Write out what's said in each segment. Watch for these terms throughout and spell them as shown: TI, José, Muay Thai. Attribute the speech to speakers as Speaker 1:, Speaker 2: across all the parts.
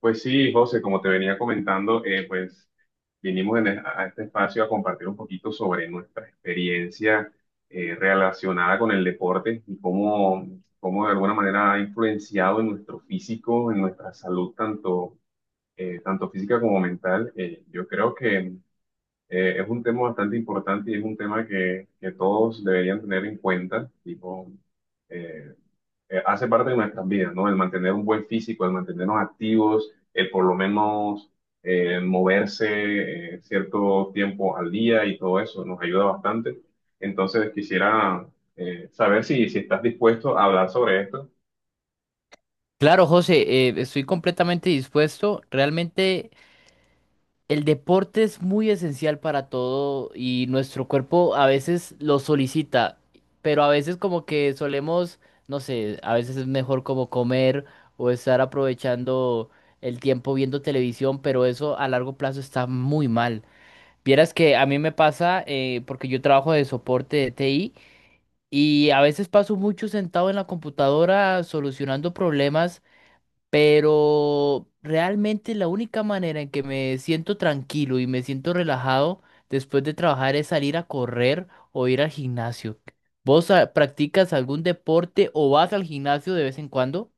Speaker 1: Pues sí, José, como te venía comentando, pues vinimos a este espacio a compartir un poquito sobre nuestra experiencia relacionada con el deporte y cómo de alguna manera ha influenciado en nuestro físico, en nuestra salud, tanto física como mental. Yo creo que es un tema bastante importante y es un tema que todos deberían tener en cuenta, tipo, eh, hace parte de nuestras vidas, ¿no? El mantener un buen físico, el mantenernos activos, el por lo menos moverse cierto tiempo al día y todo eso nos ayuda bastante. Entonces quisiera saber si estás dispuesto a hablar sobre esto.
Speaker 2: Claro, José, estoy completamente dispuesto. Realmente el deporte es muy esencial para todo y nuestro cuerpo a veces lo solicita, pero a veces como que solemos, no sé, a veces es mejor como comer o estar aprovechando el tiempo viendo televisión, pero eso a largo plazo está muy mal. Vieras que a mí me pasa, porque yo trabajo de soporte de TI y a veces paso mucho sentado en la computadora solucionando problemas, pero realmente la única manera en que me siento tranquilo y me siento relajado después de trabajar es salir a correr o ir al gimnasio. ¿Vos practicas algún deporte o vas al gimnasio de vez en cuando?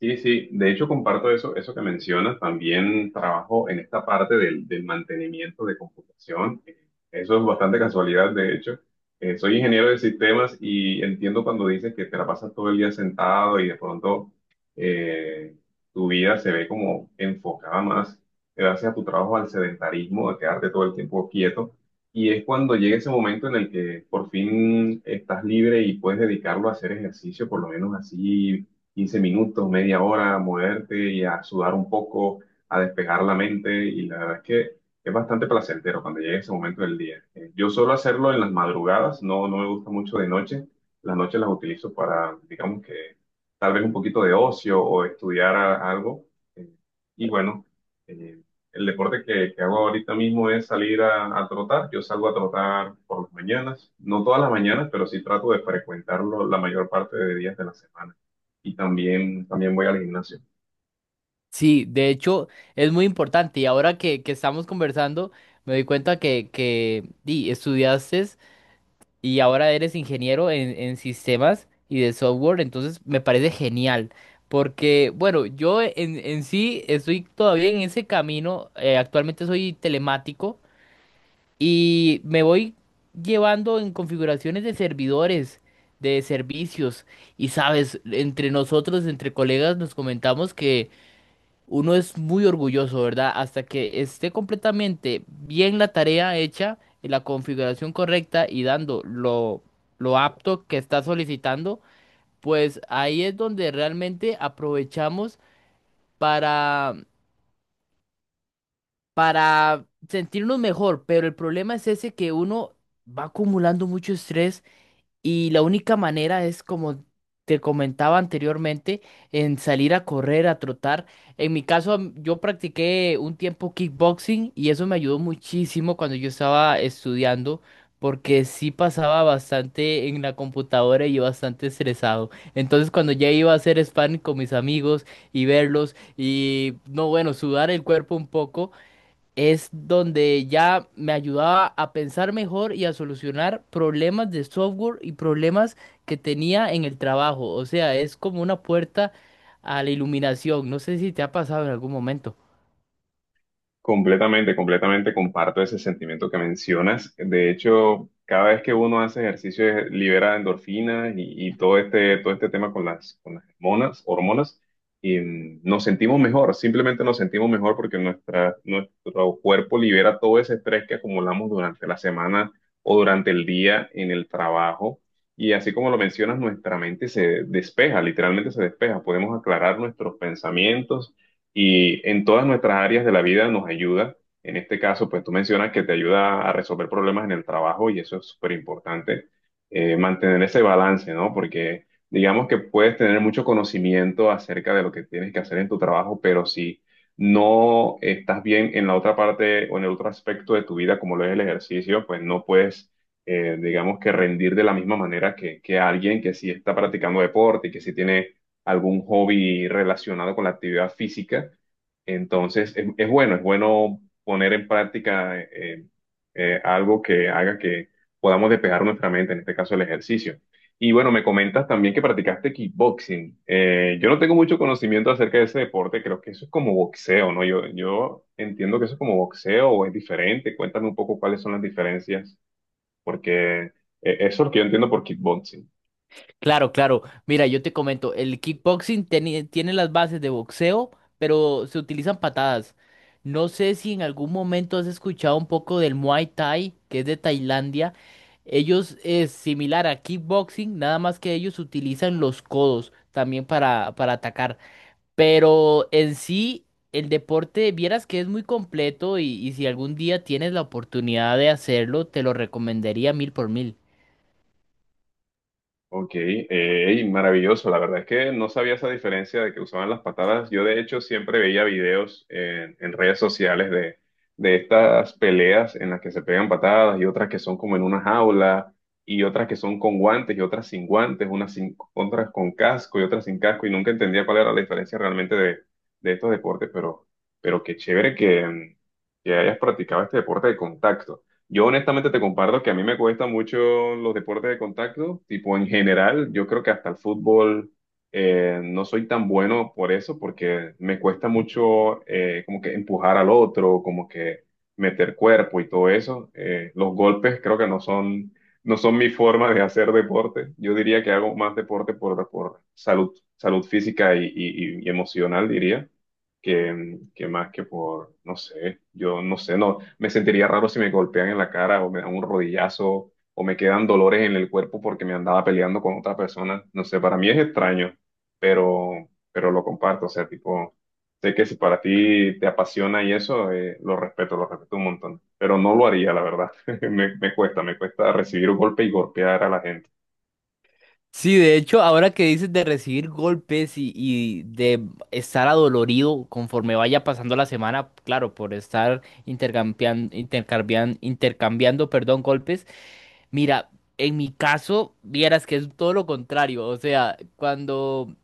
Speaker 1: Sí, sí, de hecho comparto eso que mencionas, también trabajo en esta parte del mantenimiento de computación. Eso es bastante casualidad, de hecho. Soy ingeniero de sistemas y entiendo cuando dices que te la pasas todo el día sentado y de pronto eh, tu vida se ve como enfocada más gracias a tu trabajo al sedentarismo, a quedarte todo el tiempo quieto. Y es cuando llega ese momento en el que por fin estás libre y puedes dedicarlo a hacer ejercicio, por lo menos así 15 minutos, media hora, a moverte y a sudar un poco, a despejar la mente. Y la verdad es que es bastante placentero cuando llega ese momento del día. Yo suelo hacerlo en las madrugadas, no me gusta mucho de noche. Las noches las utilizo para, digamos que, tal vez un poquito de ocio o estudiar algo. Eh, y bueno, eh, el deporte que hago ahorita mismo es salir a trotar. Yo salgo a trotar por las mañanas, no todas las mañanas, pero sí trato de frecuentarlo la mayor parte de días de la semana y también voy al gimnasio.
Speaker 2: Sí, de hecho es muy importante, y ahora que, estamos conversando me doy cuenta que, estudiaste y ahora eres ingeniero en, sistemas y de software, entonces me parece genial. Porque, bueno, yo en, sí estoy todavía en ese camino, actualmente soy telemático y me voy llevando en configuraciones de servidores, de servicios, y sabes, entre nosotros, entre colegas, nos comentamos que uno es muy orgulloso, ¿verdad? Hasta que esté completamente bien la tarea hecha, en la configuración correcta y dando lo, apto que está solicitando, pues ahí es donde realmente aprovechamos para, sentirnos mejor. Pero el problema es ese, que uno va acumulando mucho estrés. Y la única manera es, como te comentaba anteriormente, en salir a correr, a trotar. En mi caso, yo practiqué un tiempo kickboxing y eso me ayudó muchísimo cuando yo estaba estudiando, porque sí pasaba bastante en la computadora y bastante estresado. Entonces, cuando ya iba a hacer sparring con mis amigos y verlos y, no, bueno, sudar el cuerpo un poco, es donde ya me ayudaba a pensar mejor y a solucionar problemas de software y problemas que tenía en el trabajo. O sea, es como una puerta a la iluminación. No sé si te ha pasado en algún momento.
Speaker 1: Completamente, completamente comparto ese sentimiento que mencionas. De hecho, cada vez que uno hace ejercicio libera endorfinas y todo este tema con con las hormonas y nos sentimos mejor, simplemente nos sentimos mejor porque nuestro cuerpo libera todo ese estrés que acumulamos durante la semana o durante el día en el trabajo. Y así como lo mencionas, nuestra mente se despeja, literalmente se despeja. Podemos aclarar nuestros pensamientos y en todas nuestras áreas de la vida nos ayuda. En este caso, pues tú mencionas que te ayuda a resolver problemas en el trabajo y eso es súper importante, mantener ese balance, ¿no? Porque digamos que puedes tener mucho conocimiento acerca de lo que tienes que hacer en tu trabajo, pero si no estás bien en la otra parte o en el otro aspecto de tu vida, como lo es el ejercicio, pues no puedes, digamos que rendir de la misma manera que alguien que sí está practicando deporte y que sí tiene algún hobby relacionado con la actividad física. Entonces, es bueno poner en práctica algo que haga que podamos despejar nuestra mente, en este caso el ejercicio. Y bueno, me comentas también que practicaste kickboxing. Yo no tengo mucho conocimiento acerca de ese deporte, creo que eso es como boxeo, ¿no? Yo entiendo que eso es como boxeo o es diferente. Cuéntame un poco cuáles son las diferencias, porque eso es lo que yo entiendo por kickboxing.
Speaker 2: Claro, claro. Mira, yo te comento, el kickboxing tiene las bases de boxeo, pero se utilizan patadas. No sé si en algún momento has escuchado un poco del Muay Thai, que es de Tailandia. Ellos es similar a kickboxing, nada más que ellos utilizan los codos también para, atacar. Pero en sí, el deporte, vieras que es muy completo, y si algún día tienes la oportunidad de hacerlo, te lo recomendaría mil por mil.
Speaker 1: Ok, y maravilloso. La verdad es que no sabía esa diferencia de que usaban las patadas. Yo de hecho siempre veía videos en redes sociales de estas peleas en las que se pegan patadas y otras que son como en una jaula y otras que son con guantes y otras sin guantes, unas sin- otras con casco y otras sin casco y nunca entendía cuál era la diferencia realmente de estos deportes, pero qué chévere que hayas practicado este deporte de contacto. Yo honestamente te comparto que a mí me cuesta mucho los deportes de contacto, tipo en general, yo creo que hasta el fútbol no soy tan bueno por eso, porque me cuesta mucho como que empujar al otro, como que meter cuerpo y todo eso. Los golpes creo que no son mi forma de hacer deporte. Yo diría que hago más deporte por salud, salud física y y emocional, diría que más que por, no sé, yo no sé, no, me sentiría raro si me golpean en la cara o me dan un rodillazo o me quedan dolores en el cuerpo porque me andaba peleando con otra persona, no sé, para mí es extraño, pero lo comparto, o sea, tipo, sé que si para ti te apasiona y eso, lo respeto un montón, pero no lo haría, la verdad, me cuesta recibir un golpe y golpear a la gente.
Speaker 2: Sí, de hecho, ahora que dices de recibir golpes y de estar adolorido conforme vaya pasando la semana, claro, por estar intercambiando, perdón, golpes, mira, en mi caso, vieras que es todo lo contrario, o sea, cuando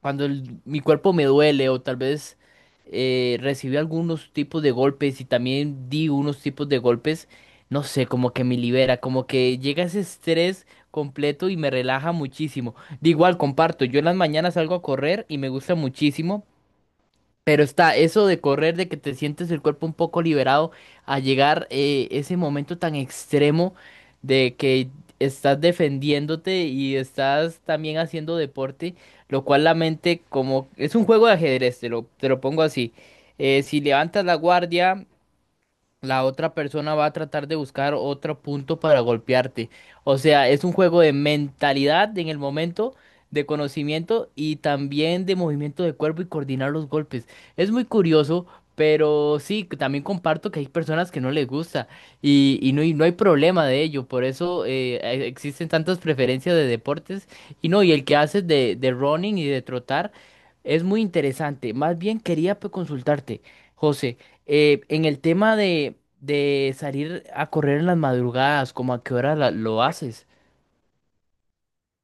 Speaker 2: cuando el- mi cuerpo me duele, o tal vez recibí algunos tipos de golpes y también di unos tipos de golpes, no sé, como que me libera, como que llega ese estrés completo y me relaja muchísimo. De igual, comparto, yo en las mañanas salgo a correr y me gusta muchísimo, pero está eso de correr, de que te sientes el cuerpo un poco liberado, a llegar ese momento tan extremo de que estás defendiéndote y estás también haciendo deporte, lo cual la mente como es un juego de ajedrez, te lo pongo así. Si levantas la guardia, la otra persona va a tratar de buscar otro punto para golpearte. O sea, es un juego de mentalidad en el momento, de conocimiento y también de movimiento de cuerpo y coordinar los golpes. Es muy curioso, pero sí, que también comparto que hay personas que no les gusta, y no hay problema de ello. Por eso existen tantas preferencias de deportes, y no, y el que haces de, running y de trotar es muy interesante. Más bien quería, pues, consultarte. José, en el tema de, salir a correr en las madrugadas, ¿cómo a qué hora lo haces?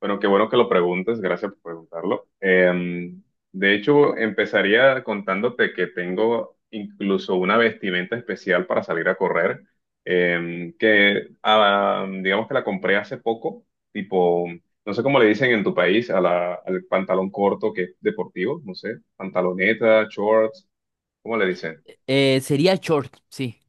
Speaker 1: Bueno, qué bueno que lo preguntes, gracias por preguntarlo. De hecho, empezaría contándote que tengo incluso una vestimenta especial para salir a correr, que digamos que la compré hace poco, tipo, no sé cómo le dicen en tu país a al pantalón corto que es deportivo, no sé, pantaloneta, shorts, ¿cómo le dicen?
Speaker 2: Sería short, sí.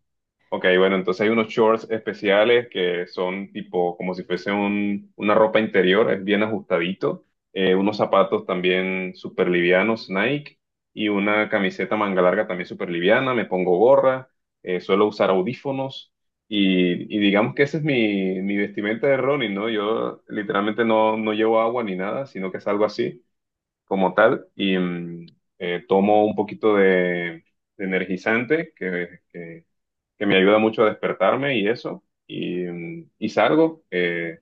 Speaker 1: Ok, bueno, entonces hay unos shorts especiales que son tipo como si fuese una ropa interior, es bien ajustadito, unos zapatos también súper livianos, Nike, y una camiseta manga larga también súper liviana, me pongo gorra, suelo usar audífonos, y digamos que ese es mi vestimenta de running, ¿no? Yo literalmente no llevo agua ni nada, sino que es algo así como tal, y tomo un poquito de energizante, que me ayuda mucho a despertarme y eso. Y, y salgo, eh,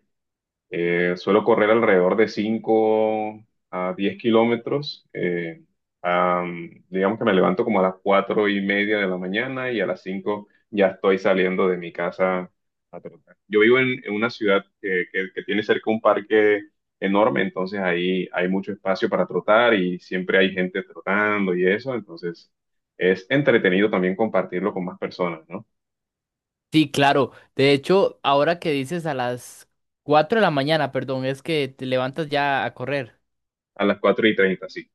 Speaker 1: eh, suelo correr alrededor de 5 a 10 kilómetros. Digamos que me levanto como a las 4:30 de la mañana y a las 5 ya estoy saliendo de mi casa a trotar. Yo vivo en una ciudad que tiene cerca un parque enorme, entonces ahí hay mucho espacio para trotar y siempre hay gente trotando y eso, entonces es entretenido también compartirlo con más personas, ¿no?
Speaker 2: Sí, claro. De hecho, ahora que dices a las 4 de la mañana, perdón, es que te levantas ya a correr.
Speaker 1: A las 4:30 sí.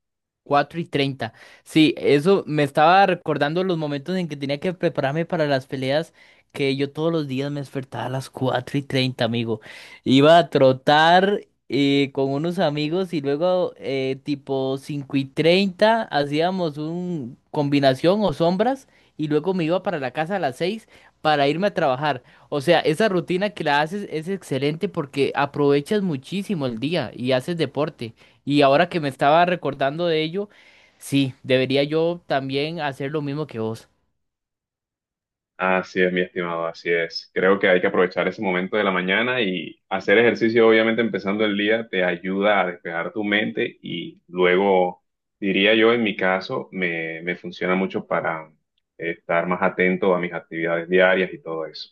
Speaker 2: 4:30. Sí, eso me estaba recordando los momentos en que tenía que prepararme para las peleas, que yo todos los días me despertaba a las 4:30, amigo. Iba a trotar con unos amigos y luego tipo 5:30 hacíamos un combinación o sombras, y luego me iba para la casa a las 6 para irme a trabajar. O sea, esa rutina que la haces es excelente porque aprovechas muchísimo el día y haces deporte. Y ahora que me estaba recordando de ello, sí, debería yo también hacer lo mismo que vos.
Speaker 1: Así es, mi estimado, así es. Creo que hay que aprovechar ese momento de la mañana y hacer ejercicio, obviamente, empezando el día, te ayuda a despejar tu mente y luego, diría yo, en mi caso, me funciona mucho para estar más atento a mis actividades diarias y todo eso.